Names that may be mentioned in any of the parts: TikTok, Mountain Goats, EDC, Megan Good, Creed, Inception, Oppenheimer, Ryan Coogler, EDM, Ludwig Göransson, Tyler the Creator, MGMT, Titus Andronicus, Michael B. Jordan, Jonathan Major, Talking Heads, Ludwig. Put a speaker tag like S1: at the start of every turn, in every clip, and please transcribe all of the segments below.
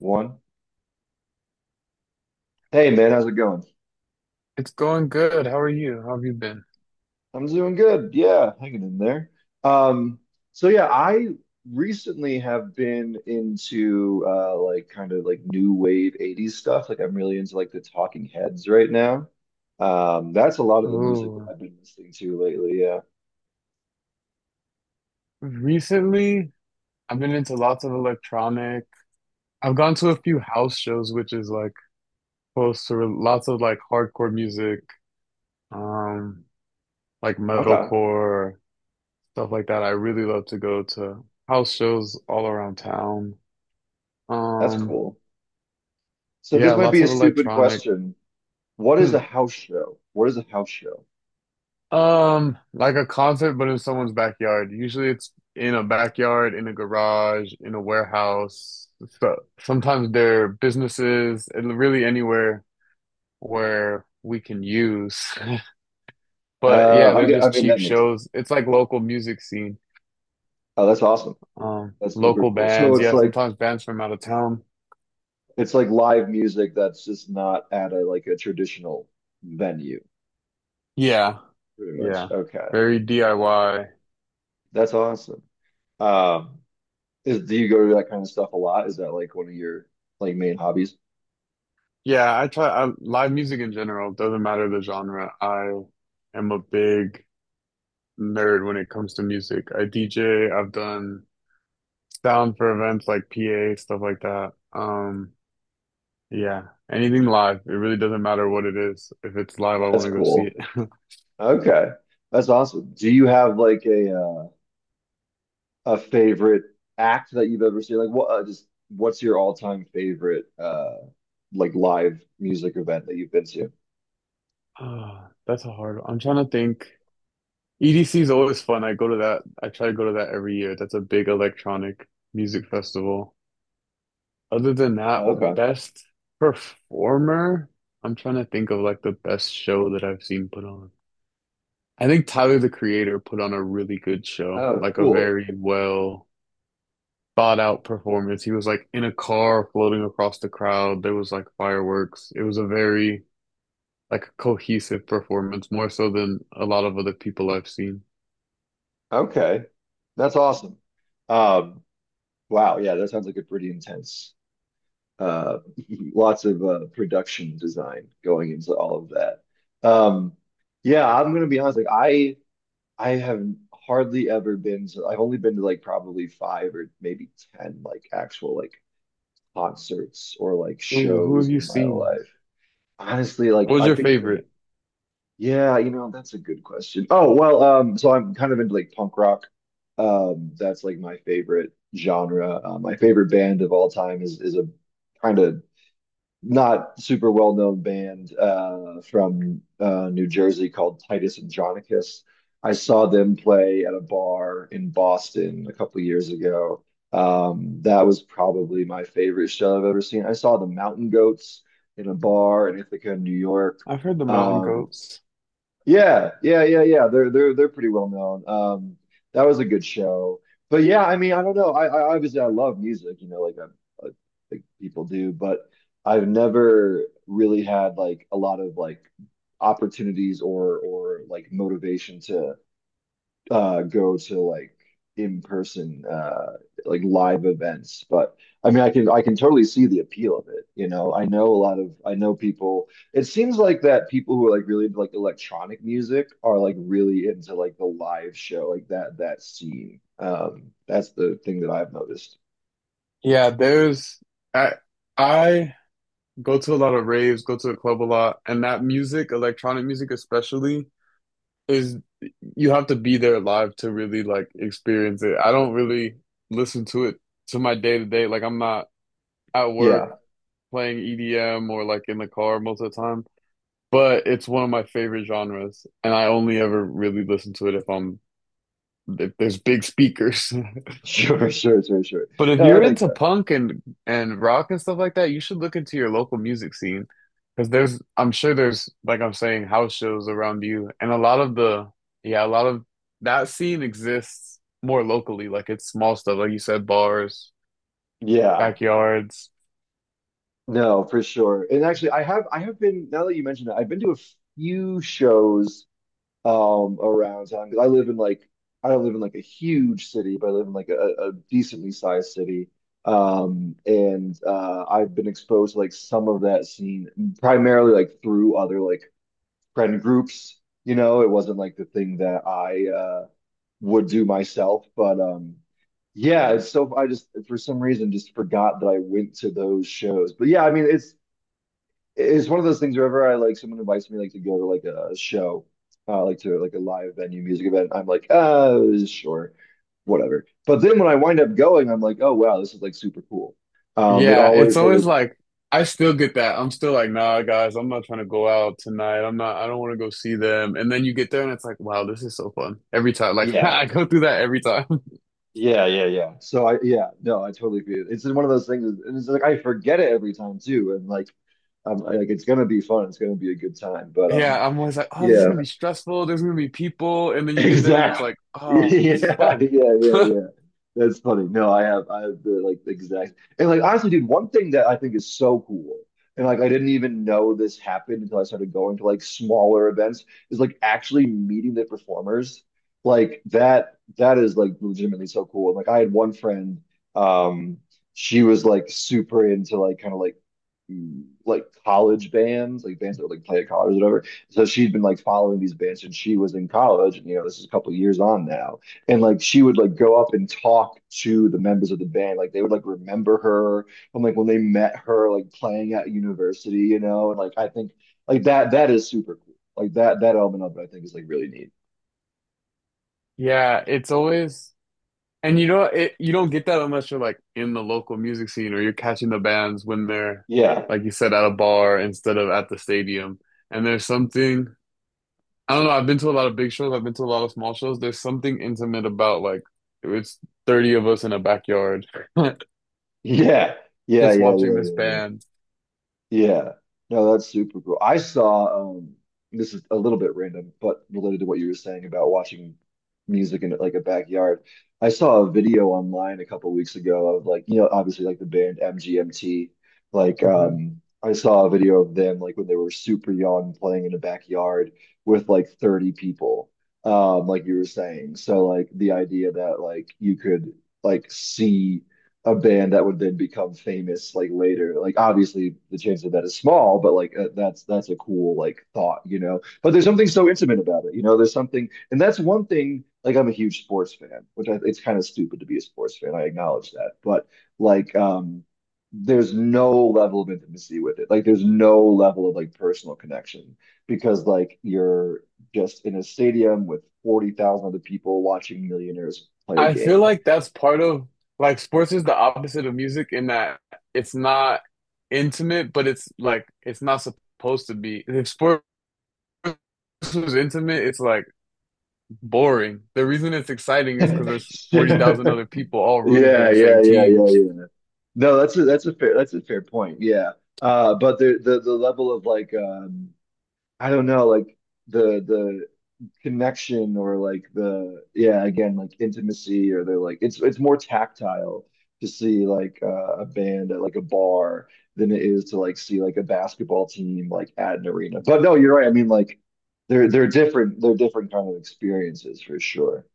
S1: One. Hey man, how's it going?
S2: It's going good. How are you? How have you been?
S1: I'm doing good. Yeah, hanging in there. Um, so yeah, I recently have been into like kind of like new wave 80s stuff. Like I'm really into like the Talking Heads right now. That's a lot of the music that
S2: Oh,
S1: I've been listening to lately. Yeah.
S2: recently I've been into lots of electronic. I've gone to a few house shows, which is like close to lots of like hardcore music, um, like
S1: Okay.
S2: metalcore, stuff like that. I really love to go to house shows all around town.
S1: That's
S2: Um,
S1: cool. So
S2: yeah,
S1: this might
S2: lots
S1: be a
S2: of
S1: stupid
S2: electronic.
S1: question. What is a house show?
S2: Like a concert, but in someone's backyard. Usually it's in a backyard, in a garage, in a warehouse. So sometimes they're businesses, and really anywhere where we can use. But yeah,
S1: I,
S2: they're
S1: get- I
S2: just
S1: mean
S2: cheap
S1: that makes
S2: shows. It's like local music scene.
S1: Oh, that's awesome. That's super
S2: Local
S1: cool.
S2: bands. Yeah, sometimes bands from out of town.
S1: It's like live music that's just not at a traditional venue,
S2: Yeah.
S1: pretty much.
S2: Yeah.
S1: Okay.
S2: Very
S1: Gotcha.
S2: DIY.
S1: That's awesome. Um, is Do you go to that kind of stuff a lot? Is that like one of your like main hobbies?
S2: Live music in general. Doesn't matter the genre. I am a big nerd when it comes to music. I DJ, I've done sound for events like PA, stuff like that. Yeah, anything live. It really doesn't matter what it is. If it's live, I want
S1: That's
S2: to go see
S1: cool.
S2: it.
S1: Okay. That's awesome. Do you have like a favorite act that you've ever seen? Like what just what's your all-time favorite like live music event that you've been to?
S2: Ah, that's a hard one. I'm trying to think. EDC is always fun. I go to that. I try to go to that every year. That's a big electronic music festival. Other than that,
S1: Oh, okay.
S2: best performer, I'm trying to think of like the best show that I've seen put on. I think Tyler the Creator put on a really good show,
S1: Oh,
S2: like a
S1: cool.
S2: very well thought out performance. He was like in a car floating across the crowd. There was like fireworks. It was a very like cohesive performance, more so than a lot of other people I've seen.
S1: Okay. That's awesome. Um, wow, yeah, that sounds like a pretty intense uh lots of production design going into all of that. Um yeah, I'm gonna be honest, like I have hardly ever been to — I've only been to like probably five or maybe ten like actual like concerts or like
S2: Ooh, who have
S1: shows
S2: you
S1: in my
S2: seen?
S1: life. Honestly, like
S2: What was
S1: I
S2: your
S1: think the
S2: favorite?
S1: Yeah, you know, that's a good question. I'm kind of into like punk rock. That's like my favorite genre. My favorite band of all time is a kind of not super well-known band from New Jersey called Titus Andronicus. I saw them play at a bar in Boston a couple years ago. That was probably my favorite show I've ever seen. I saw the Mountain Goats in a bar in Ithaca, New York.
S2: I've heard the Mountain
S1: Um,
S2: Goats.
S1: yeah, yeah, yeah, yeah. They're pretty well known. That was a good show. But yeah, I mean, I don't know. I obviously — I love music, you know, like I think people do, but I've never really had like a lot of like opportunities or like motivation to go to like in person like live events. But I mean I can — I can totally see the appeal of it, you know. I know a lot of — I know people, it seems like, that people who are like really into like electronic music are like really into like the live show, like that scene. That's the thing that I've noticed.
S2: Yeah, there's I I go to a lot of raves, go to the club a lot, and that music, electronic music especially, is you have to be there live to really like experience it. I don't really listen to it to my day to day. Like I'm not at
S1: Yeah.
S2: work playing EDM or like in the car most of the time. But it's one of my favorite genres, and I only ever really listen to it if I'm if there's big speakers.
S1: Sure, sure, sure, sure.
S2: But if
S1: No,
S2: you're
S1: that makes
S2: into
S1: sense.
S2: punk and rock and stuff like that, you should look into your local music scene because there's I'm sure there's, like I'm saying, house shows around you, and a lot of yeah, a lot of that scene exists more locally. Like it's small stuff like you said, bars,
S1: Yeah,
S2: backyards.
S1: no, for sure. And actually I have been — now that you mentioned it, I've been to a few shows around town because I live in like — I don't live in like a huge city, but I live in like a decently sized city. And I've been exposed to like some of that scene primarily like through other like friend groups. You know, it wasn't like the thing that I would do myself, but yeah, it's — so I just for some reason just forgot that I went to those shows. But yeah, I mean, it's — it's one of those things wherever I — like someone invites me like to go to like a show, like to like a live venue music event, I'm like, sure, whatever. But then when I wind up going, I'm like, oh wow, this is like super cool. Um, it
S2: Yeah, it's
S1: always
S2: always
S1: like,
S2: like I still get that. I'm still like, "Nah, guys, I'm not trying to go out tonight. I don't want to go see them." And then you get there and it's like, "Wow, this is so fun." Every time, like
S1: yeah,
S2: I go through that every time.
S1: yeah, yeah, yeah. So yeah, no, I totally agree. It's one of those things, and it's like I forget it every time too, and like, I- like it's gonna be fun, it's gonna be a good time, but
S2: Yeah, I'm always like, oh, this is
S1: yeah,
S2: gonna be stressful. There's gonna be people, and then you get there, and it's
S1: exactly.
S2: like, oh, this is
S1: Yeah, yeah,
S2: fun.
S1: yeah, yeah. That's funny. No, I have the like exact — and like honestly, dude, one thing that I think is so cool, and like I didn't even know this happened until I started going to like smaller events, is like actually meeting the performers. Like that is like legitimately so cool. Like I had one friend, um, she was like super into like kind of like like college bands, like bands that would like play at college or whatever. So she'd been like following these bands, and she was in college, and you know, this is a couple years on now, and like she would like go up and talk to the members of the band, like they would like remember her from like when they met her like playing at university, you know. And like I think like that is super cool, like that element of it I think is like really neat.
S2: Yeah, it's always, and you know, it, you don't get that unless you're like in the local music scene or you're catching the bands when they're,
S1: Yeah,
S2: like you said, at a bar instead of at the stadium. And there's something, I don't know, I've been to a lot of big shows, I've been to a lot of small shows. There's something intimate about like it's 30 of us in a backyard
S1: yeah, yeah, yeah,
S2: just
S1: yeah,
S2: watching this
S1: yeah, yeah.
S2: band.
S1: Yeah. No, that's super cool. I saw this is a little bit random, but related to what you were saying about watching music in like a backyard. I saw a video online a couple weeks ago of like, you know, obviously like the band MGMT. Like
S2: Mm-hmm.
S1: I saw a video of them like when they were super young playing in a backyard with like 30 people. Like you were saying. So like the idea that like you could like see a band that would then become famous like later. Like obviously the chance of that is small, but like that's — that's a cool like thought, you know. But there's something so intimate about it, you know. There's something — and that's one thing. Like I'm a huge sports fan, which I — it's kind of stupid to be a sports fan, I acknowledge that, but like there's no level of intimacy with it. Like there's no level of like personal connection because like you're just in a stadium with 40,000 other people watching millionaires play a
S2: I feel
S1: game.
S2: like that's part of like sports is the opposite of music in that it's not intimate, but it's like it's not supposed to be. If sports was intimate, it's like boring. The reason it's exciting is because there's 40,000 other people all rooting for
S1: Yeah,
S2: the same
S1: yeah, yeah,
S2: team.
S1: yeah, yeah. No, that's a fair point. Yeah. But the the level of like I don't know, like the connection or like the — yeah, again, like intimacy, or they're like — it's more tactile to see like a band at like a bar than it is to like see like a basketball team like at an arena. But no, you're right. I mean like they're different kind of experiences for sure.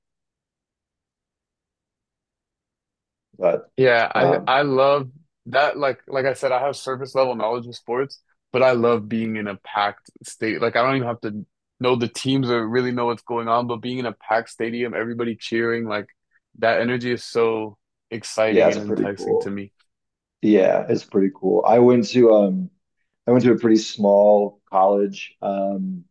S1: But
S2: Yeah, I
S1: um
S2: I love that. Like I said, I have surface level knowledge of sports, but I love being in a packed state. Like I don't even have to know the teams or really know what's going on, but being in a packed stadium, everybody cheering, like that energy is so
S1: yeah,
S2: exciting
S1: it's
S2: and
S1: pretty
S2: enticing to
S1: cool.
S2: me.
S1: Yeah, it's pretty cool. I went to a pretty small college.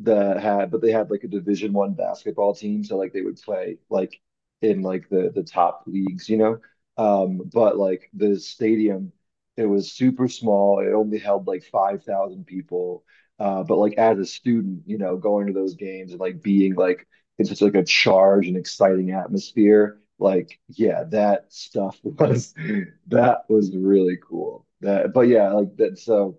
S1: That had — but they had like a division one basketball team, so like they would play like in like the top leagues, you know. But like the stadium, it was super small, it only held like 5,000 people. But like as a student, you know, going to those games and like being like in such like a charged and exciting atmosphere, like yeah, that stuff was that was really cool. that but yeah, like that. So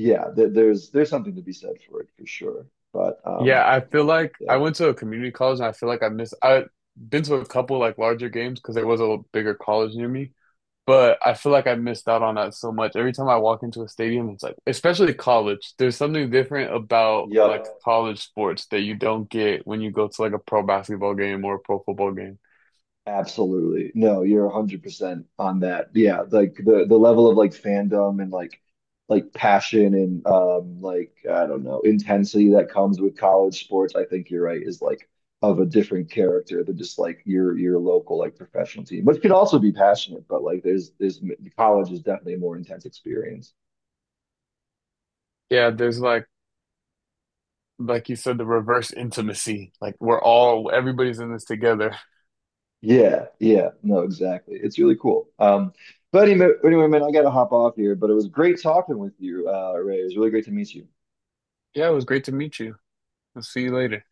S1: yeah, there, there's — there's something to be said for it for sure. But
S2: Yeah, I feel like
S1: yeah,
S2: I went to a community college, and I feel like I missed I've been to a couple like larger games because there was a bigger college near me. But I feel like I missed out on that so much. Every time I walk into a stadium, it's like, especially college, there's something different about like
S1: yep,
S2: college sports that you don't get when you go to like a pro basketball game or a pro football game.
S1: absolutely. No, you're 100% on that. Yeah, like the level of like fandom and like passion and like I don't know, intensity that comes with college sports, I think you're right, is like of a different character than just like your local like professional team, which could also be passionate, but like there's college is definitely a more intense experience.
S2: Yeah, there's like you said, the reverse intimacy. Like we're all, everybody's in this together.
S1: Yeah, yeah, no, exactly. It's really cool. But anyway, anyway, man, I gotta hop off here. But it was great talking with you, Ray. It was really great to meet you.
S2: Yeah, it was great to meet you. I'll see you later.